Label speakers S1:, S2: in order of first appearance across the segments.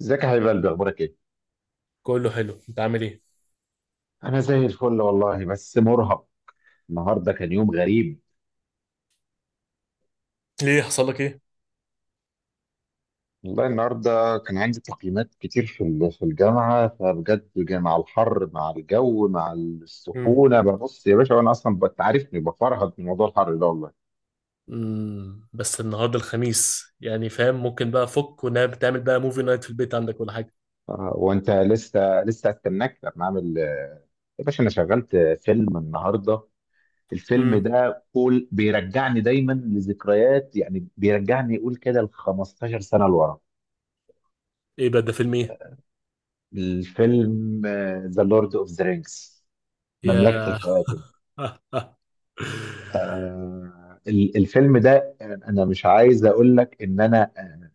S1: ازيك يا حبيب قلبي اخبارك ايه؟
S2: كله حلو، انت عامل ايه؟
S1: انا زي الفل والله بس مرهق. النهارده كان يوم غريب.
S2: ليه؟ حصل لك ايه؟
S1: والله النهارده كان عندي تقييمات كتير في الجامعه، فبجد مع الحر مع الجو مع
S2: امم
S1: السخونه ببص يا باشا، وانا اصلا عارفني بفرهد من موضوع الحر ده والله.
S2: بس النهارده الخميس، يعني فاهم؟ ممكن بقى فك ونام، تعمل بقى موفي نايت في البيت عندك ولا حاجه.
S1: وانت لسه استناك لما اعمل يا باشا انا شغلت فيلم النهارده. الفيلم
S2: امم
S1: ده قول بيرجعني دايما لذكريات، يعني بيرجعني يقول كده ل 15 سنه لورا.
S2: ايه بقى ده؟ فيلم ايه؟
S1: الفيلم ذا لورد اوف ذا رينجز، مملكة
S2: يا
S1: الخواتم. الفيلم ده. انا مش عايز اقول لك ان انا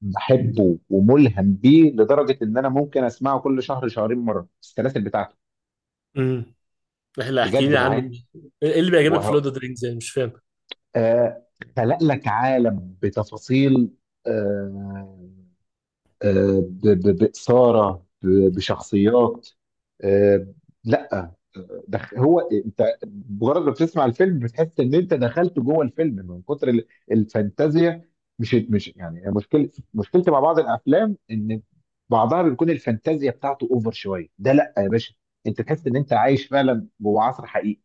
S1: بحبه وملهم بيه لدرجة ان انا ممكن اسمعه كل شهر شهرين مرة السلاسل بتاعته.
S2: امم احنا احكي
S1: بجد
S2: لي عنه.
S1: معايا.
S2: ايه اللي بيعجبك في لورد
S1: وه...
S2: اوف ذا رينجز؟ يعني مش فاهم.
S1: آه خلق لك عالم بتفاصيل. آه آه، بإثارة بشخصيات. آه، لا هو انت مجرد ما بتسمع الفيلم بتحس ان انت دخلت جوه الفيلم من كتر الفانتازيا. مش يعني مشكلتي مع بعض الافلام ان بعضها بتكون الفانتازيا بتاعته اوفر شوية، ده لا يا باشا. انت تحس ان انت عايش فعلا جوه عصر حقيقي.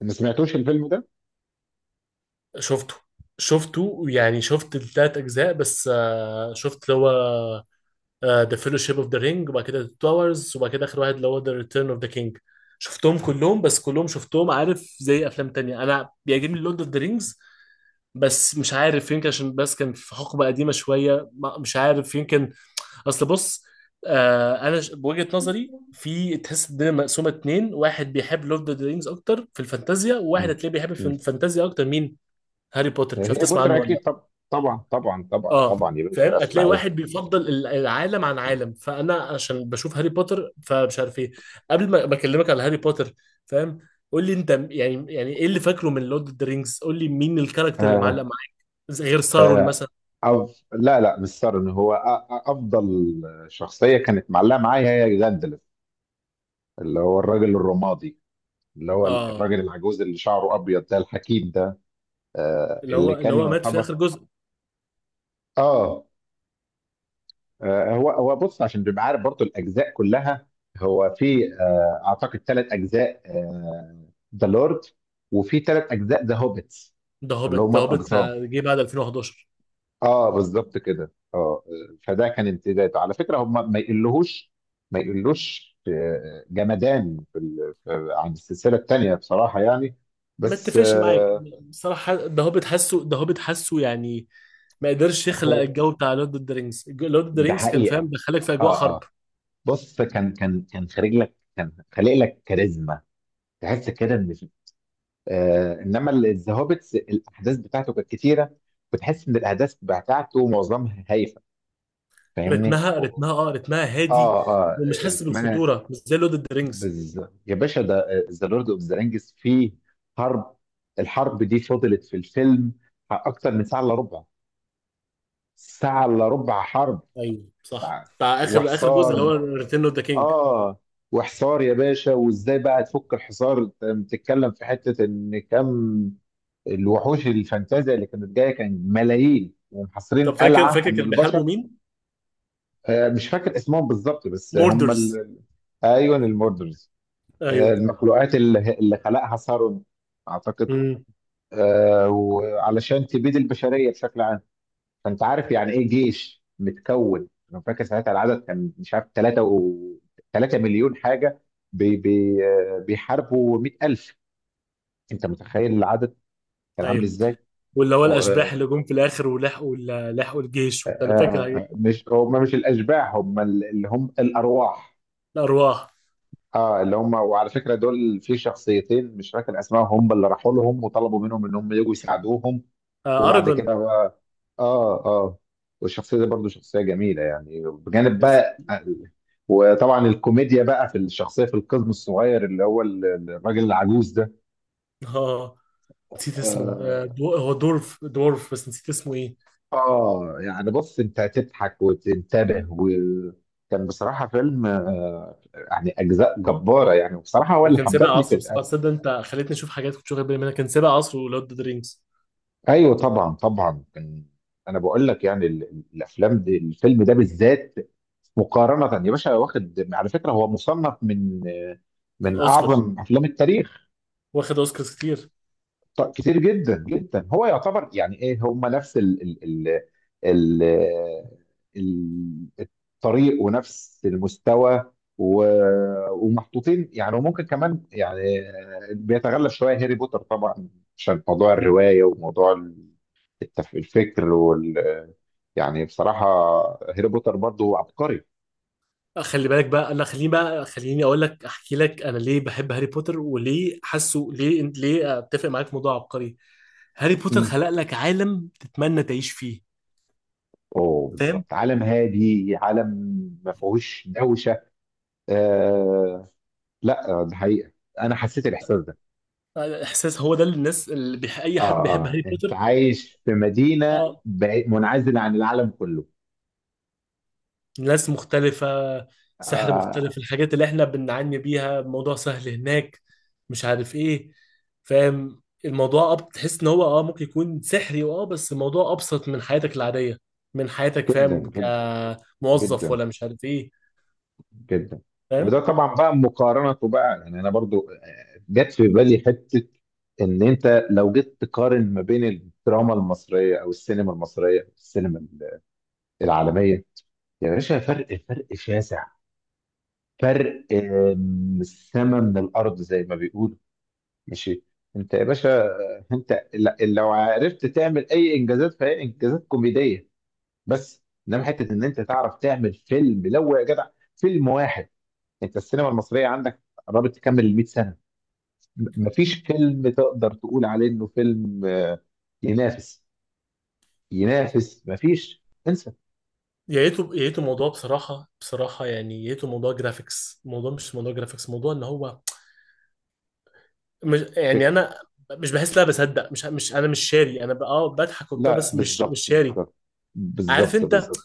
S1: ما سمعتوش الفيلم ده؟
S2: شفته، يعني شفت التلات اجزاء، بس شفت اللي هو ذا فيلوشيب اوف ذا رينج، وبعد كده ذا تاورز، وبعد كده اخر واحد اللي هو ذا ريتيرن اوف ذا كينج. شفتهم كلهم، بس كلهم شفتهم. عارف، زي افلام تانية، انا بيعجبني لورد اوف ذا رينجز، بس مش عارف، يمكن عشان بس كان في حقبة قديمة شوية، مش عارف يمكن. اصل بص، انا بوجهة نظري، في تحس الدنيا مقسومة اتنين، واحد بيحب لورد اوف ذا رينجز اكتر في الفانتازيا، وواحد
S1: مم.
S2: هتلاقيه بيحب
S1: مم.
S2: الفانتازيا اكتر. مين؟ هاري بوتر، مش عارف
S1: هي
S2: تسمع
S1: بوتر
S2: عنه ولا؟
S1: اكيد، طب طبعا طبعا طبعا
S2: اه،
S1: طبعا يا
S2: فاهم،
S1: باشا،
S2: هتلاقي
S1: اسمع ايه.
S2: واحد بيفضل العالم عن عالم، فانا عشان بشوف هاري بوتر، فمش عارف ايه. قبل ما اكلمك على هاري بوتر، فاهم، قول لي انت يعني، يعني ايه اللي فاكره من لورد اوف ذا رينجز؟ قول لي مين الكاركتر اللي معلق
S1: آه
S2: معاك؟ غير سارون
S1: آه
S2: مثلا.
S1: لا لا مش سارن، هو افضل شخصيه كانت معلقه معايا هي جاندلف، اللي هو الراجل الرمادي، اللي هو
S2: اه،
S1: الراجل العجوز اللي شعره ابيض ده الحكيم ده.
S2: اللي هو
S1: اللي
S2: اللي
S1: كان
S2: هو مات في
S1: يعتبر.
S2: اخر جزء.
S1: اه. هو هو بص عشان تبقى عارف برضو الاجزاء كلها، هو في اعتقد ثلاث اجزاء ذا لورد، وفي ثلاث اجزاء ذا هوبيتس
S2: ده
S1: اللي
S2: هوبيت، ده
S1: هما
S2: هوبيت
S1: الاقزام.
S2: جه بعد 2011.
S1: اه بالظبط كده اه. فده كان امتداده على فكره، هم ما يقلوش جمدان عن السلسله الثانيه بصراحه يعني،
S2: ما
S1: بس
S2: اتفقش معاك بصراحه، ده هوبيت حاسه، ده هوبيت حاسه يعني، ما قدرش يخلق
S1: هو
S2: الجو بتاع لورد اوف ذا رينجز. لورد اوف ذا
S1: ده
S2: رينجز كان فاهم
S1: حقيقه.
S2: دخلك في اجواء
S1: اه
S2: حرب.
S1: اه. بص كان خارج لك كان خالق لك كاريزما، تحس كده ان في-. انما الزهوبتس الاحداث بتاعته كانت كتيره، بتحس ان الاحداث بتاعته معظمها هايفه، فاهمني؟
S2: رتمها
S1: و-.
S2: رتمها اه، رتمها هادي،
S1: اه اه
S2: ومش حاسس
S1: رتمها.
S2: بالخطوره، مش زي لورد اوف ذا رينجز.
S1: بز... يا باشا ده ذا لورد اوف ذا رينجز فيه حرب، الحرب دي فضلت في الفيلم اكتر من ساعه الا ربع، ساعه الا ربع حرب،
S2: ايوه صح،
S1: ساعه.
S2: بتاع اخر جزء اللي هو
S1: وحصار.
S2: ريتيرن اوف ذا كينج.
S1: اه. وحصار يا باشا، وازاي بقى تفك الحصار؟ أنت بتتكلم في حته ان كم الوحوش الفانتازيا اللي كانت جايه، كان ملايين ومحاصرين
S2: طب فاكر؟
S1: قلعه
S2: فاكر
S1: من
S2: كانوا
S1: البشر.
S2: بيحاربوا مين؟
S1: مش فاكر اسمهم بالظبط بس هم
S2: موردرز.
S1: ال... ايوه الموردرز.
S2: ايوه.
S1: المخلوقات اللي خلقها ثرون اعتقد،
S2: امم.
S1: وعلشان تبيد البشريه بشكل عام. فانت عارف يعني ايه جيش متكون، انا فاكر ساعتها العدد كان مش عارف 3 و 3 مليون حاجه، بي بي آه، بيحاربوا 100,000. انت متخيل العدد كان عامل
S2: ايوه،
S1: ازاي؟
S2: واللي هو
S1: و-
S2: الاشباح اللي
S1: آه،
S2: جم في الاخر ولحقوا لحقوا الجيش وبتاع، انا فاكر الحاجات دي.
S1: مش هم، مش الاشباح، هم اللي هم الارواح.
S2: الارواح.
S1: اه اللي هم، وعلى فكره دول في شخصيتين مش فاكر اسمائهم، هم اللي راحوا لهم وطلبوا منهم ان هم يجوا يساعدوهم.
S2: آه
S1: وبعد
S2: اراجون.
S1: كده بقى اه اه، والشخصيه دي برضو شخصيه جميله يعني، بجانب
S2: يس.
S1: بقى وطبعا الكوميديا بقى في الشخصيه، في القزم الصغير اللي هو الراجل العجوز ده.
S2: اه، نسيت اسمه، آه
S1: اه.
S2: دو... هو دورف، بس نسيت اسمه ايه.
S1: يعني بص انت هتضحك وتنتبه، وكان بصراحه فيلم آه،، يعني اجزاء جباره يعني، وبصراحه هو
S2: هو
S1: اللي
S2: كان سابق
S1: حببني في
S2: عصره، بس
S1: الأب.
S2: تصدق انت خليتني اشوف حاجات كنت واخد بالي منها؟ كان سابق عصره لورد اوف ذا رينجز.
S1: ايوه طبعا طبعا كان. انا بقول لك يعني الافلام دي الفيلم ده بالذات، مقارنة يا باشا، واخد على فكرة هو مصنف من
S2: اوسكار،
S1: أعظم أفلام التاريخ.
S2: واخد اوسكارز كتير.
S1: كتير جدا جدا، هو يعتبر يعني إيه، هم نفس ال ال- الطريق ونفس المستوى، ومحطوطين يعني، وممكن كمان يعني بيتغلب شوية هاري بوتر طبعا، عشان موضوع الرواية وموضوع الفكر وال، يعني بصراحة هاري بوتر برضه عبقري.
S2: خلي بالك بقى، لا خليني بقى خليني اقول لك، احكي لك انا ليه بحب هاري بوتر وليه حاسه، ليه اتفق معاك في موضوع عبقري. هاري بوتر خلق لك عالم تتمنى تعيش فيه،
S1: اوه
S2: فاهم؟
S1: بالظبط، عالم هادي، عالم ما فيهوش دوشه. آه لا ده حقيقه، انا حسيت الاحساس ده.
S2: احساس، هو ده اللي الناس اللي اي
S1: اه
S2: حد بيحب
S1: اه،
S2: هاري
S1: انت
S2: بوتر.
S1: عايش في مدينه
S2: اه،
S1: منعزله عن العالم كله.
S2: ناس مختلفة، سحر
S1: آه
S2: مختلف، الحاجات اللي احنا بنعاني بيها الموضوع سهل هناك، مش عارف ايه، فاهم الموضوع. اه، بتحس ان هو اه ممكن يكون سحري، اه، بس الموضوع ابسط من حياتك العادية، من حياتك،
S1: جدا
S2: فاهم؟
S1: جدا
S2: كموظف
S1: جدا
S2: ولا مش عارف ايه،
S1: جدا. وده
S2: فاهم؟
S1: طبعا بقى مقارنته بقى يعني، انا برضو جت في بالي حته ان انت لو جيت تقارن ما بين الدراما المصريه او السينما المصريه والسينما العالميه، يا باشا فرق، فرق شاسع، فرق السما من الارض زي ما بيقولوا. ماشي. انت يا باشا انت لو عرفت تعمل اي انجازات فهي انجازات كوميديه بس، انما حته ان انت تعرف تعمل فيلم، لو يا جدع فيلم واحد، انت السينما المصريه عندك قربت تكمل ال 100 سنه، مفيش فيلم تقدر تقول عليه انه فيلم ينافس ينافس مفيش، انسى.
S2: يا ريته يا ريته موضوع، بصراحة بصراحة يعني، يا ريته موضوع جرافيكس. الموضوع مش موضوع جرافيكس، موضوع ان هو، مش يعني،
S1: فكر.
S2: انا مش بحس ان انا بصدق. مش مش انا مش شاري، انا اه بضحك وبتاع،
S1: لا
S2: بس
S1: بالظبط
S2: مش شاري.
S1: بالظبط
S2: عارف
S1: بالظبط
S2: انت
S1: بالظبط.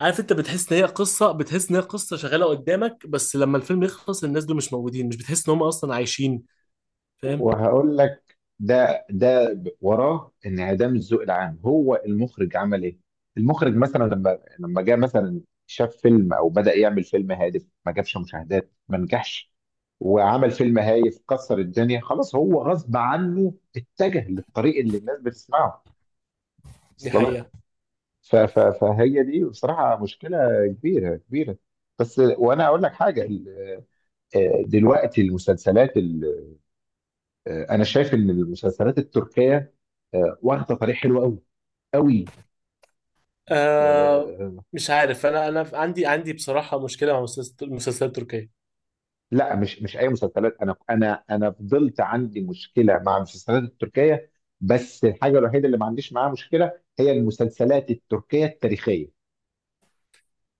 S2: عارف انت بتحس ان هي قصه، بتحس ان هي قصه شغاله قدامك، بس لما الفيلم يخلص الناس دول مش موجودين، مش بتحس ان هم اصلا عايشين، فاهم؟
S1: وهقول لك ده وراه انعدام الذوق العام، هو المخرج عمل ايه؟ المخرج مثلا، لما جه مثلا شاف فيلم او بدأ يعمل فيلم هادف، ما جابش مشاهدات ما نجحش، وعمل فيلم هايف كسر الدنيا، خلاص هو غصب عنه اتجه للطريق اللي الناس بتسمعه.
S2: دي
S1: اصل
S2: حقيقه.
S1: لك. فهي دي بصراحة مشكلة كبيرة كبيرة. بس وانا اقول لك حاجة، ال-. دلوقتي المسلسلات، انا شايف ان المسلسلات التركيه واخده طريق حلو قوي قوي.
S2: آه،
S1: آه،
S2: مش عارف، انا انا عندي، بصراحه مشكله مع المسلسلات، المسلسلات التركيه.
S1: لا مش اي مسلسلات، انا فضلت عندي مشكله مع المسلسلات التركيه، بس الحاجه الوحيده اللي ما عنديش معاها مشكله هي المسلسلات التركيه التاريخيه.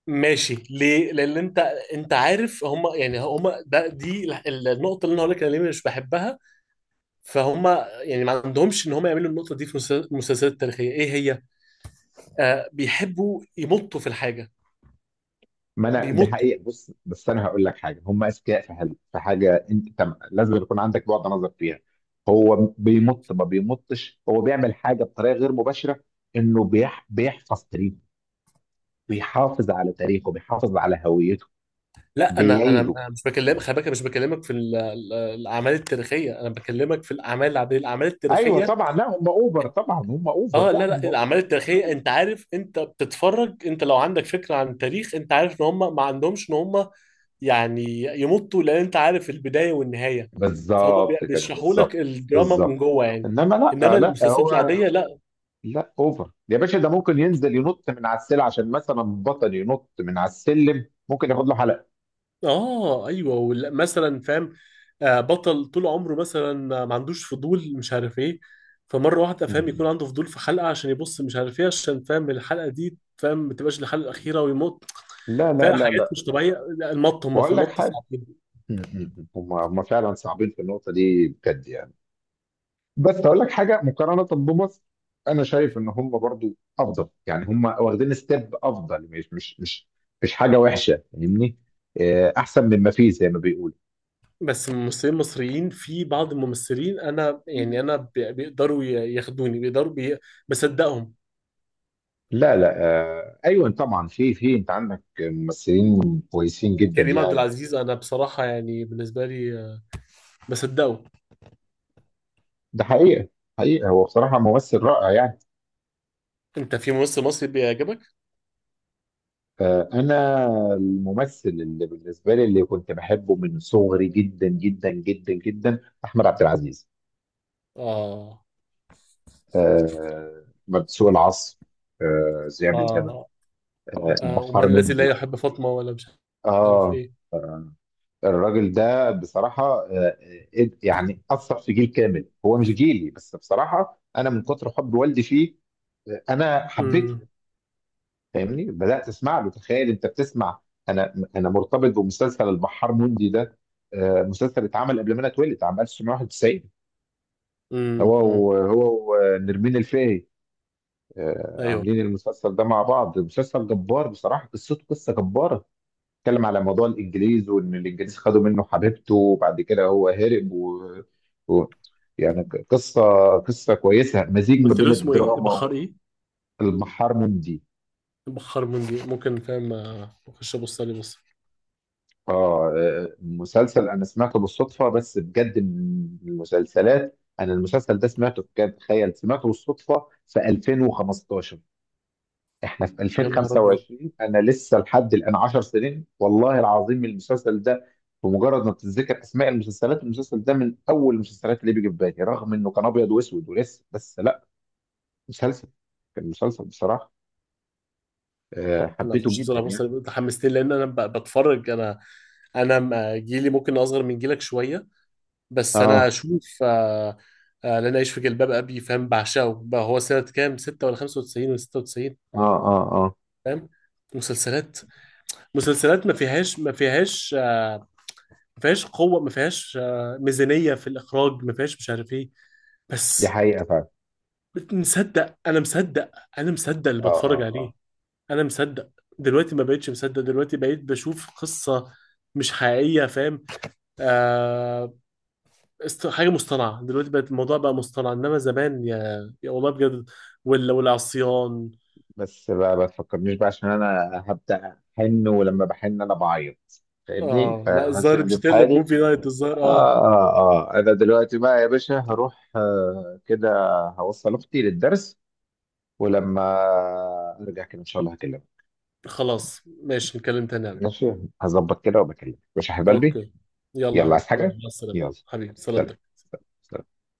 S2: ماشي ليه؟ لان انت، انت عارف هم يعني، هم ده، دي النقطه اللي انا هقول لك انا ليه مش بحبها. فهم يعني، ما عندهمش ان هم يعملوا النقطه دي في المسلسلات التاريخيه. ايه هي؟ آه، بيحبوا يمطوا في الحاجه،
S1: ما انا ده
S2: بيمطوا.
S1: حقيقه، بص بس انا هقول لك حاجه، هم اذكياء في حاجه، في حاجه انت لازم يكون عندك بعد نظر فيها. هو بيمط ما بيمطش، هو بيعمل حاجه بطريقه غير مباشره، انه بيحفظ تاريخ، بيحافظ على تاريخه، بيحافظ على هويته،
S2: لا، انا انا
S1: بيعيده.
S2: أنا مش بكلمك، خلي بالك، أنا مش بكلمك في الاعمال التاريخيه، انا بكلمك في الاعمال العاديه. الاعمال
S1: ايوه
S2: التاريخيه،
S1: طبعا، لا هم اوفر طبعا، هم اوفر،
S2: اه،
S1: لا
S2: لا لا
S1: هم أوفر.
S2: الاعمال التاريخيه، انت عارف، انت بتتفرج انت لو عندك فكره عن التاريخ، انت عارف ان هم ما عندهمش ان هم يعني يمطوا، لان انت عارف البدايه والنهايه. فهم،
S1: بالظبط كده
S2: بيشرحوا لك
S1: بالظبط
S2: الدراما من
S1: بالظبط.
S2: جوه يعني.
S1: انما
S2: انما
S1: لا لا
S2: المسلسلات
S1: هو.
S2: العاديه لا.
S1: لا اوفر يا باشا، ده ممكن ينزل ينط من على السلة، عشان مثلا بطل ينط من على السلم ممكن ياخد له حلقة.
S2: اه ايوه، مثلا، فاهم، بطل طول عمره مثلا ما عندوش فضول، مش عارف ايه، فمره واحده، فاهم،
S1: م-م.
S2: يكون عنده فضول في حلقه عشان يبص مش عارف ايه، عشان، فاهم، الحلقه دي، فاهم، ما تبقاش الحلقه الاخيره ويموت.
S1: لا لا
S2: فاهم،
S1: لا
S2: حاجات
S1: لا.
S2: مش طبيعيه. لا، المط، هم في
S1: واقول لك
S2: المط
S1: حاجة.
S2: صعبين.
S1: م-م. هم فعلا صعبين في النقطة دي بجد يعني، بس هقول لك حاجه مقارنه بمصر، انا شايف ان هم برضو افضل يعني، هم واخدين ستيب افضل، مش حاجه وحشه فاهمني، احسن مما فيه زي ما بيقولوا.
S2: بس الممثلين المصريين، في بعض الممثلين، انا يعني انا بيقدروا ياخدوني، بصدقهم.
S1: لا لا ايوه طبعا، في في انت عندك ممثلين كويسين جدا
S2: كريم عبد
S1: يعني.
S2: العزيز، انا بصراحه يعني بالنسبه لي، بصدقه.
S1: ده حقيقه. حقيقه هو بصراحه ممثل رائع يعني.
S2: انت في ممثل مصري بيعجبك؟
S1: انا الممثل اللي بالنسبه لي اللي كنت بحبه من صغري جدا جدا جدا جدا، احمد عبد العزيز.
S2: اه
S1: آه سوق العصر. ذئاب الجبل.
S2: اه آه، ومن
S1: البحار
S2: الذي لا
S1: مندي.
S2: يحب فاطمة، ولا مش عارف
S1: اه
S2: ايه.
S1: الراجل ده بصراحة آه، يعني أثر في جيل كامل، هو مش جيلي بس بصراحة أنا من كتر حب والدي فيه أنا حبيته.
S2: امم
S1: فاهمني بدأت أسمع له، تخيل أنت بتسمع، أنا مرتبط بمسلسل البحار مندي ده. مسلسل اتعمل قبل ما أنا اتولد عام 1991، هو
S2: أمم.
S1: هو ونرمين الفقي
S2: ايوه،
S1: عاملين المسلسل ده مع بعض، مسلسل جبار بصراحة، قصته قصة جبارة. اتكلم على موضوع الإنجليز، وإن الإنجليز خدوا منه حبيبته، وبعد كده هو هرب و... و... يعني قصة، قصة كويسة، مزيج ما
S2: قلت له
S1: بين
S2: اسمه ايه؟
S1: الدراما
S2: بحار ايه؟
S1: والمحار مندي.
S2: بحار منجي، ممكن، فاهم، اخش ابص عليه، بص.
S1: اه. مسلسل أنا سمعته بالصدفة، بس بجد من المسلسلات، أنا المسلسل ده سمعته بجد، تخيل سمعته بالصدفة في 2015، احنا في
S2: يا نهار ابيض،
S1: 2025، انا لسه لحد الان 10 سنين، والله العظيم المسلسل ده بمجرد ما بتتذكر اسماء المسلسلات، المسلسل ده من اول المسلسلات اللي بيجي في بالي، رغم انه كان ابيض واسود ولسه، بس لا، مسلسل، كان مسلسل بصراحه
S2: انا
S1: حبيته
S2: اخش
S1: جدا
S2: بصراحه ابص
S1: يعني.
S2: عليه، أنت حمستني. لان انا بتفرج، انا جيلي ممكن اصغر من جيلك شويه، بس انا
S1: اه
S2: اشوف لن اعيش في جلباب ابي، فاهم، بعشقه بقى، هو سنه كام؟ 6 ولا 95 ولا 96؟
S1: اه اه اه.
S2: فاهم، مسلسلات مسلسلات ما فيهاش، ما فيهاش قوه، ما فيهاش ميزانيه في الاخراج، ما فيهاش مش عارف ايه،
S1: دي
S2: بس
S1: حقيقه فعلا.
S2: مصدق، انا مصدق، انا مصدق اللي
S1: اه
S2: بتفرج
S1: اه
S2: عليه،
S1: اه.
S2: انا مصدق. دلوقتي ما بقتش مصدق، دلوقتي بقيت بشوف قصه مش حقيقيه، فاهم؟ آه، حاجه مصطنعه، دلوقتي بقت الموضوع بقى مصطنع، انما زمان، يا يا والله بجد، ولا والعصيان.
S1: بس بقى ما تفكرنيش بقى، عشان انا هبدا احن، ولما بحن انا بعيط، فاهمني،
S2: اه لا، الظاهر
S1: فسيبني
S2: مش
S1: في
S2: هتقلب
S1: حالي.
S2: موفي نايت، الظاهر
S1: آه
S2: اه.
S1: آه أنا دلوقتي بقى يا باشا هروح كده، هوصل أختي للدرس، ولما أرجع كده إن شاء الله هكلمك.
S2: خلاص ماشي، نتكلم تاني يعني.
S1: ماشي. هظبط كده وبكلمك، مش حبيب قلبي؟
S2: اوكي، يلا
S1: يلا عايز
S2: حبيبي، يلا
S1: حاجة؟
S2: مع السلامه.
S1: يلا.
S2: حبيبي
S1: سلام.
S2: سلامتك.
S1: سلام.